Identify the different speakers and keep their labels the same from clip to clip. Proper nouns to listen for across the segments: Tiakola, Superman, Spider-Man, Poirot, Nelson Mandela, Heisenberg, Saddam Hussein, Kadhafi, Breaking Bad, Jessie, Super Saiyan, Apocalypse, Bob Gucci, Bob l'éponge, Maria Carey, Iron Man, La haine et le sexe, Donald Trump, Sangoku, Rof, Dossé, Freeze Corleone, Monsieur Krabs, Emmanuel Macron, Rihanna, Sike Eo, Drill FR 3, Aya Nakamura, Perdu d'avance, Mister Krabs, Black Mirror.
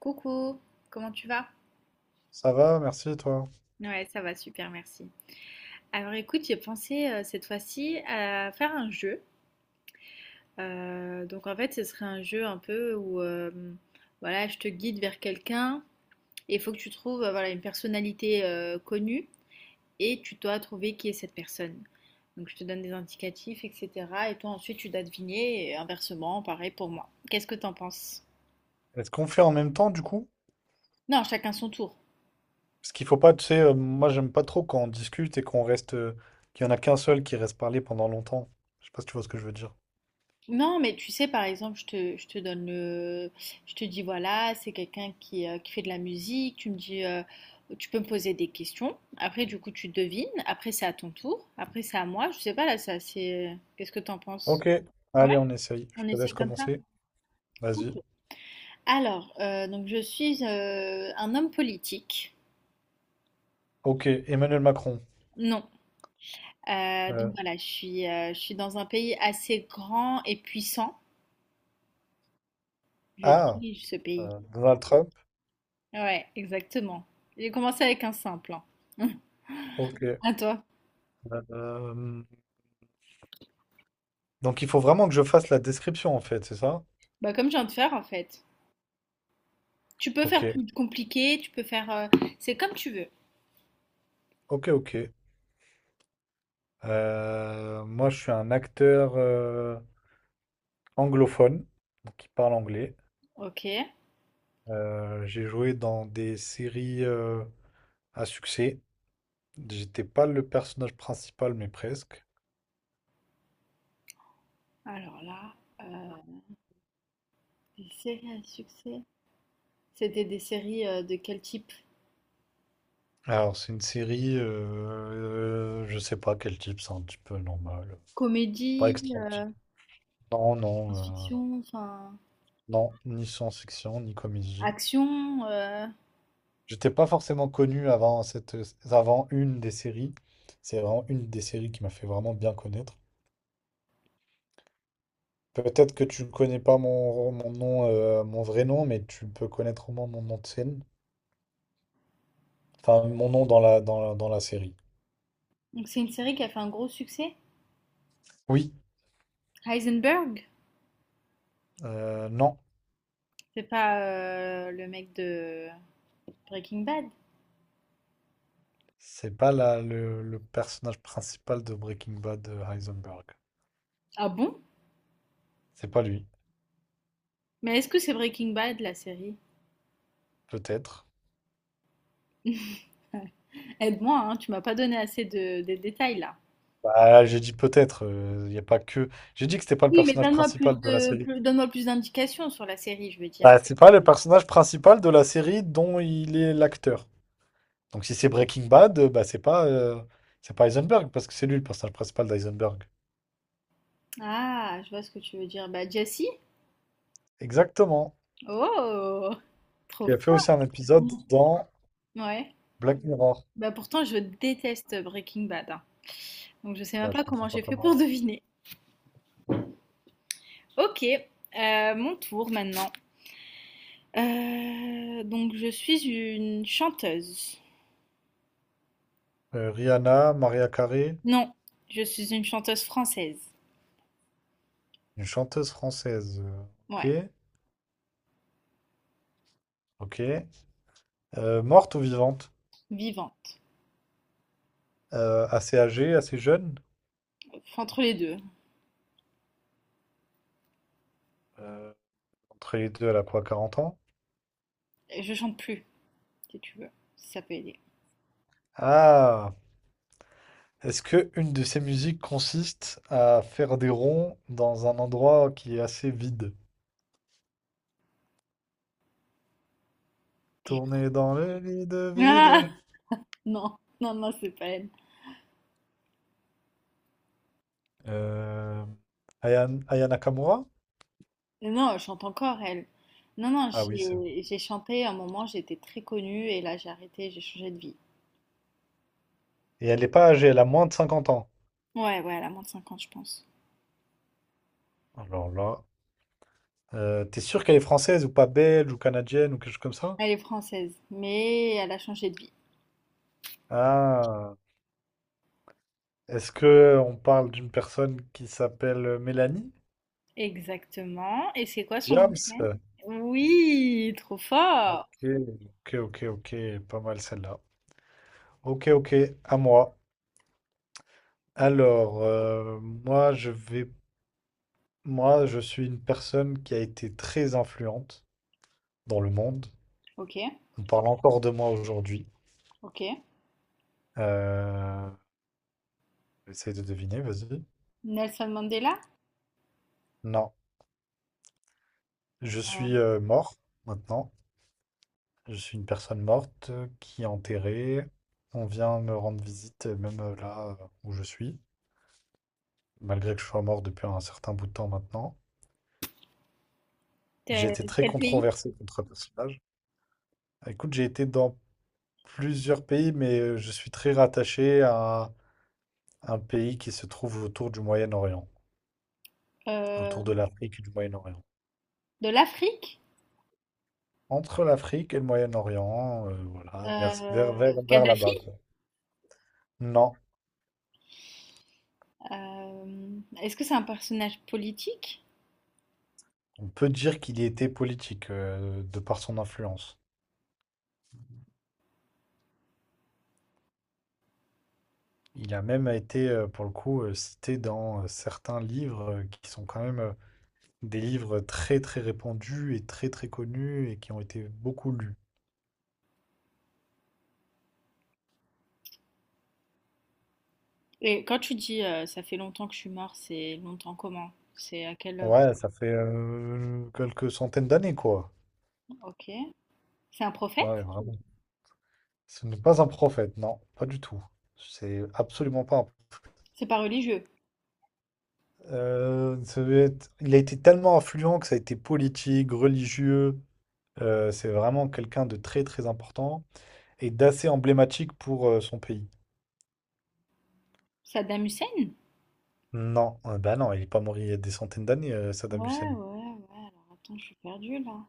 Speaker 1: Coucou, comment tu vas?
Speaker 2: Ça va, merci toi.
Speaker 1: Ouais, ça va super, merci. Alors écoute, j'ai pensé cette fois-ci à faire un jeu. Donc en fait, ce serait un jeu un peu où voilà, je te guide vers quelqu'un et il faut que tu trouves voilà, une personnalité connue et tu dois trouver qui est cette personne. Donc je te donne des indicatifs, etc. Et toi ensuite tu dois deviner et inversement, pareil pour moi. Qu'est-ce que t'en penses?
Speaker 2: Est-ce qu'on fait en même temps du coup?
Speaker 1: Non, chacun son tour.
Speaker 2: Parce qu'il faut pas, tu sais, moi j'aime pas trop quand on discute et qu'on reste, qu'il y en a qu'un seul qui reste parler pendant longtemps. Je sais pas si tu vois ce que je veux dire.
Speaker 1: Non, mais tu sais, par exemple, je te donne le... Je te dis, voilà, c'est quelqu'un qui fait de la musique. Tu me dis, tu peux me poser des questions. Après, du coup, tu devines. Après, c'est à ton tour. Après, c'est à moi. Je sais pas, là, ça, c'est... Qu'est-ce que t'en penses?
Speaker 2: Ok,
Speaker 1: Ouais,
Speaker 2: allez, on essaye. Je
Speaker 1: on
Speaker 2: te
Speaker 1: essaie
Speaker 2: laisse
Speaker 1: comme ça?
Speaker 2: commencer.
Speaker 1: Ok.
Speaker 2: Vas-y.
Speaker 1: Alors, donc, je suis un homme politique.
Speaker 2: Ok, Emmanuel Macron.
Speaker 1: Non. Donc,
Speaker 2: Euh,
Speaker 1: voilà, je suis dans un pays assez grand et puissant. Je
Speaker 2: ah,
Speaker 1: dirige ce pays.
Speaker 2: Donald Trump.
Speaker 1: Ouais, exactement. J'ai commencé avec un simple, hein.
Speaker 2: Ok.
Speaker 1: À toi.
Speaker 2: Euh, donc il faut vraiment que je fasse la description en fait, c'est ça?
Speaker 1: Bah, comme je viens de faire, en fait. Tu peux
Speaker 2: Ok,
Speaker 1: faire plus compliqué, tu peux faire, c'est comme tu veux.
Speaker 2: ok, ok. Moi je suis un acteur anglophone, donc qui parle anglais.
Speaker 1: Ok.
Speaker 2: J'ai joué dans des séries à succès. J'étais pas le personnage principal, mais presque.
Speaker 1: Alors là, euh, des séries à succès. C'était des séries de quel type?
Speaker 2: Alors, c'est une série, je sais pas quel type, c'est un petit peu normal. Pas
Speaker 1: Comédie,
Speaker 2: extraordinaire. Non, non, euh,
Speaker 1: science-fiction, enfin,
Speaker 2: non, ni science-fiction, ni comédie.
Speaker 1: action,
Speaker 2: J'étais pas forcément connu avant avant une des séries. C'est vraiment une des séries qui m'a fait vraiment bien connaître. Peut-être que tu ne connais pas mon nom, mon vrai nom, mais tu peux connaître au moins mon nom de scène. Enfin, mon nom dans la série.
Speaker 1: Donc, c'est une série qui a fait un gros succès.
Speaker 2: Oui,
Speaker 1: Heisenberg.
Speaker 2: non,
Speaker 1: C'est pas le mec de Breaking Bad.
Speaker 2: c'est pas le personnage principal de Breaking Bad, Heisenberg.
Speaker 1: Ah bon?
Speaker 2: C'est pas lui,
Speaker 1: Mais est-ce que c'est Breaking Bad, la série?
Speaker 2: peut-être.
Speaker 1: Aide-moi, hein, tu m'as pas donné assez de, des détails là.
Speaker 2: Bah, j'ai dit peut-être, il n'y a pas que. J'ai dit que c'était pas le
Speaker 1: Oui, mais
Speaker 2: personnage
Speaker 1: donne-moi
Speaker 2: principal
Speaker 1: plus
Speaker 2: de la
Speaker 1: de,
Speaker 2: série.
Speaker 1: donne-moi plus d'indications sur la série, je veux dire.
Speaker 2: Bah, c'est pas le personnage principal de la série dont il est l'acteur. Donc si c'est Breaking Bad, bah c'est pas Heisenberg parce que c'est lui le personnage principal d'Heisenberg.
Speaker 1: Ah, je vois ce que tu veux dire. Bah, Jessie?
Speaker 2: Exactement.
Speaker 1: Oh, trop
Speaker 2: Qui a fait
Speaker 1: froid.
Speaker 2: aussi un épisode
Speaker 1: Mm.
Speaker 2: dans
Speaker 1: Ouais.
Speaker 2: Black Mirror.
Speaker 1: Bah, pourtant, je déteste Breaking Bad, hein. Donc, je sais
Speaker 2: Bah,
Speaker 1: même
Speaker 2: je
Speaker 1: pas
Speaker 2: comprends
Speaker 1: comment
Speaker 2: pas
Speaker 1: j'ai fait pour
Speaker 2: comment.
Speaker 1: deviner. Ok, mon tour maintenant. Donc, je suis une chanteuse.
Speaker 2: Rihanna, Maria Carey,
Speaker 1: Non, je suis une chanteuse française.
Speaker 2: une chanteuse française.
Speaker 1: Ouais,
Speaker 2: Ok, ok. Morte ou vivante?
Speaker 1: vivante.
Speaker 2: Assez âgée, assez jeune?
Speaker 1: Enfin, entre les deux.
Speaker 2: Euh, Entre les deux, elle a quoi, 40 ans?
Speaker 1: Je chante plus, si tu veux, si ça peut aider.
Speaker 2: Ah! Est-ce que une de ces musiques consiste à faire des ronds dans un endroit qui est assez vide? Tourner dans le vide,
Speaker 1: Ah,
Speaker 2: vide.
Speaker 1: non, non, non, c'est pas elle.
Speaker 2: Euh, Aya Nakamura?
Speaker 1: Non, elle chante encore, elle. Non, non,
Speaker 2: Ah oui, c'est vrai.
Speaker 1: j'ai chanté à un moment, j'étais très connue et là j'ai arrêté, j'ai changé de vie.
Speaker 2: Et elle n'est pas âgée, elle a moins de 50 ans.
Speaker 1: Ouais, ouais, elle a moins de 50, je pense.
Speaker 2: Alors là. T'es sûr qu'elle est française ou pas belge ou canadienne ou quelque chose comme ça?
Speaker 1: Elle est française, mais elle a changé de vie.
Speaker 2: Ah, est-ce que on parle d'une personne qui s'appelle Mélanie?
Speaker 1: Exactement. Et c'est quoi son nom de
Speaker 2: James?
Speaker 1: scène? Oui, trop fort.
Speaker 2: Ok, ok, ok, ok, pas mal celle-là. Ok, ok, à moi.
Speaker 1: Attends.
Speaker 2: Alors, moi, je suis une personne qui a été très influente dans le monde.
Speaker 1: Ok,
Speaker 2: On parle encore de moi aujourd'hui.
Speaker 1: ok.
Speaker 2: Euh, Essaye de deviner, vas-y.
Speaker 1: Nelson Mandela?
Speaker 2: Non, je
Speaker 1: Euh,
Speaker 2: suis mort maintenant. Je suis une personne morte qui est enterrée. On vient me rendre visite, même là où je suis, malgré que je sois mort depuis un certain bout de temps maintenant. J'ai
Speaker 1: Quel,
Speaker 2: été très
Speaker 1: quel pays?
Speaker 2: controversé contre le personnage. Écoute, j'ai été dans plusieurs pays, mais je suis très rattaché à un pays qui se trouve autour du Moyen-Orient,
Speaker 1: euh,
Speaker 2: autour de l'Afrique et du Moyen-Orient.
Speaker 1: de l'Afrique?
Speaker 2: Entre l'Afrique et le Moyen-Orient, voilà, vers là-bas,
Speaker 1: Kadhafi?
Speaker 2: quoi. Non,
Speaker 1: Est-ce que c'est un personnage politique?
Speaker 2: on peut dire qu'il y était politique, de par son influence. Il a même été, pour le coup, cité dans, certains livres, qui sont quand même, des livres très, très répandus et très, très connus et qui ont été beaucoup lus.
Speaker 1: Et quand tu dis ça fait longtemps que je suis mort, c'est longtemps comment? C'est à quel...
Speaker 2: Ouais, ça fait, quelques centaines d'années, quoi.
Speaker 1: Ok. C'est un prophète?
Speaker 2: Ah ouais, vraiment. Ce n'est pas un prophète, non, pas du tout. C'est absolument pas un
Speaker 1: C'est pas religieux.
Speaker 2: ça devait être il a été tellement influent que ça a été politique, religieux, c'est vraiment quelqu'un de très, très important et d'assez emblématique pour, son pays.
Speaker 1: Saddam Hussein?
Speaker 2: Non, bah non, il est pas mort il y a des centaines d'années,
Speaker 1: Ouais,
Speaker 2: Saddam Hussein.
Speaker 1: ouais, ouais. Alors attends, je suis perdue là.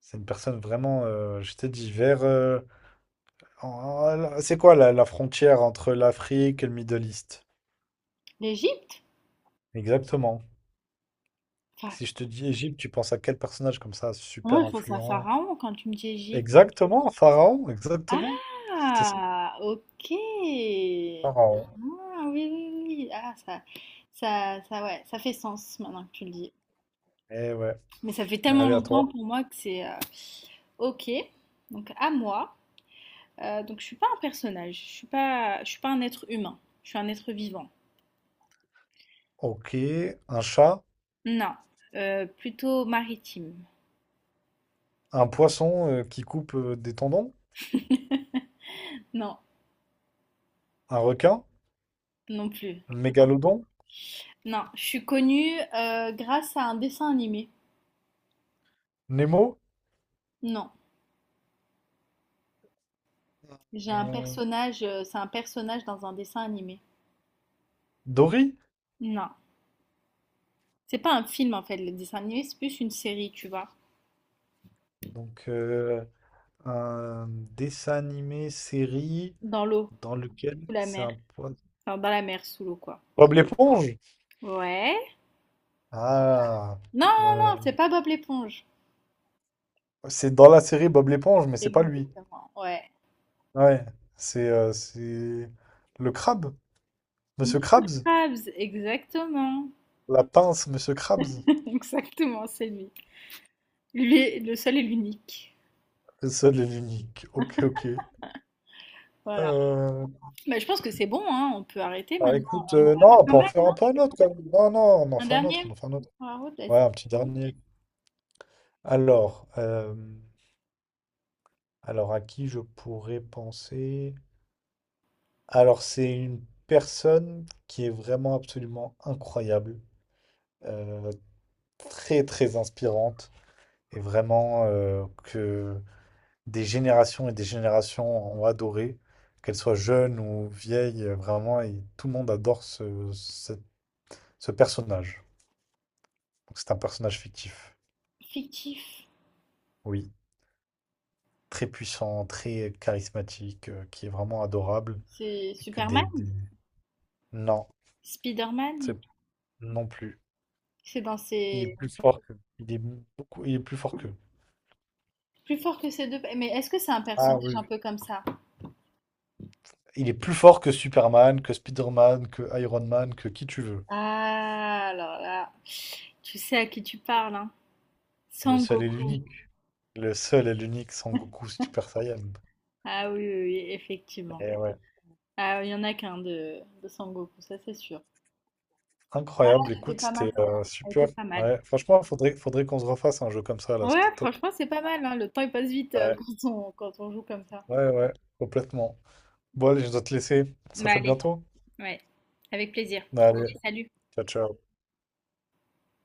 Speaker 2: C'est une personne vraiment, je t'ai dit, vers en- c'est quoi la frontière entre l'Afrique et le Middle East?
Speaker 1: L'Égypte?
Speaker 2: Exactement.
Speaker 1: Enfin,
Speaker 2: Si je te dis Égypte, tu penses à quel personnage comme ça, super
Speaker 1: moi je pense à
Speaker 2: influent?
Speaker 1: Pharaon quand tu me dis Égypte.
Speaker 2: Exactement, Pharaon, exactement. C'était ça,
Speaker 1: Ah, ok. Ah,
Speaker 2: Pharaon.
Speaker 1: oui, oui, oui. Ah, ça, ouais, ça fait sens maintenant que tu le dis.
Speaker 2: Eh ouais,
Speaker 1: Mais ça fait tellement
Speaker 2: allez à
Speaker 1: longtemps
Speaker 2: toi.
Speaker 1: pour moi que c'est... Ok. Donc à moi. Donc je suis pas un personnage, je suis pas un être humain, je suis un être vivant.
Speaker 2: Ok, un chat,
Speaker 1: Non. Plutôt maritime.
Speaker 2: un poisson qui coupe des tendons,
Speaker 1: Non,
Speaker 2: un requin,
Speaker 1: non plus.
Speaker 2: un mégalodon,
Speaker 1: Non, je suis connue grâce à un dessin animé.
Speaker 2: Nemo,
Speaker 1: Non, j'ai un
Speaker 2: euh,
Speaker 1: personnage, c'est un personnage dans un dessin animé.
Speaker 2: Dory?
Speaker 1: Non, c'est pas un film en fait, le dessin animé, c'est plus une série, tu vois,
Speaker 2: Donc, un dessin animé, série,
Speaker 1: dans l'eau,
Speaker 2: dans lequel
Speaker 1: sous la
Speaker 2: c'est
Speaker 1: mer,
Speaker 2: un point.
Speaker 1: enfin dans la mer, sous l'eau quoi.
Speaker 2: Bob l'éponge?
Speaker 1: Ouais.
Speaker 2: Ah,
Speaker 1: Non, non,
Speaker 2: euh,
Speaker 1: non, c'est pas Bob l'éponge.
Speaker 2: c'est dans la série Bob l'éponge, mais c'est pas lui.
Speaker 1: Exactement. Ouais.
Speaker 2: Ouais, c'est le crabe, Monsieur
Speaker 1: Mister
Speaker 2: Krabs,
Speaker 1: Krabs, exactement.
Speaker 2: la pince, Monsieur Krabs,
Speaker 1: Exactement, c'est lui. Lui est le seul et l'unique.
Speaker 2: le seul et l'unique. Ok, ok.
Speaker 1: Voilà.
Speaker 2: Euh,
Speaker 1: Bah, je pense que c'est bon, hein, on peut arrêter
Speaker 2: bah,
Speaker 1: maintenant.
Speaker 2: écoute,
Speaker 1: On en a
Speaker 2: non,
Speaker 1: fait
Speaker 2: on
Speaker 1: pas
Speaker 2: peut en
Speaker 1: mal,
Speaker 2: faire un
Speaker 1: non?
Speaker 2: peu un autre quand même. Non, non, on en
Speaker 1: Un
Speaker 2: fait un autre, on en
Speaker 1: dernier?
Speaker 2: fait un autre.
Speaker 1: Poirot,
Speaker 2: Ouais,
Speaker 1: vas-y.
Speaker 2: un petit dernier. Alors, euh, alors à qui je pourrais penser? Alors, c'est une personne qui est vraiment absolument incroyable, euh, très très inspirante, et vraiment que des générations et des générations ont adoré, qu'elle soit jeune ou vieille, vraiment, et tout le monde adore ce personnage. Donc, c'est un personnage fictif,
Speaker 1: Fictif.
Speaker 2: oui, très puissant, très charismatique, qui est vraiment adorable,
Speaker 1: C'est
Speaker 2: et que
Speaker 1: Superman?
Speaker 2: non,
Speaker 1: Spider-Man?
Speaker 2: c'est non plus.
Speaker 1: C'est dans
Speaker 2: Il est
Speaker 1: ses...
Speaker 2: plus fort que... Il est beaucoup... Il est plus fort qu'eux.
Speaker 1: Plus fort que ces deux... Mais est-ce que c'est un personnage un peu comme ça?
Speaker 2: Il est plus fort que Superman, que Spider-Man, que Iron Man, que qui tu veux.
Speaker 1: Ah, alors là... Tu sais à qui tu parles, hein?
Speaker 2: Le seul et
Speaker 1: Sangoku.
Speaker 2: l'unique. Le seul et l'unique Sangoku Super Saiyan.
Speaker 1: Ah oui, oui, oui, effectivement.
Speaker 2: Et ouais.
Speaker 1: Ah, il y en a qu'un de Sangoku, ça c'est sûr.
Speaker 2: Incroyable,
Speaker 1: C'était
Speaker 2: écoute,
Speaker 1: pas mal,
Speaker 2: c'était
Speaker 1: ça a été
Speaker 2: super.
Speaker 1: pas mal.
Speaker 2: Ouais, franchement, faudrait qu'on se refasse un jeu comme ça, là,
Speaker 1: Ouais,
Speaker 2: c'était top.
Speaker 1: franchement, c'est pas mal, hein. Le temps il passe vite
Speaker 2: Ouais,
Speaker 1: quand on, quand on joue comme ça.
Speaker 2: ouais, ouais, complètement. Bon, allez, je dois te laisser. On se
Speaker 1: Bah
Speaker 2: rappelle
Speaker 1: allez,
Speaker 2: bientôt.
Speaker 1: ouais, avec plaisir.
Speaker 2: Allez,
Speaker 1: Allez, salut.
Speaker 2: ciao, ciao.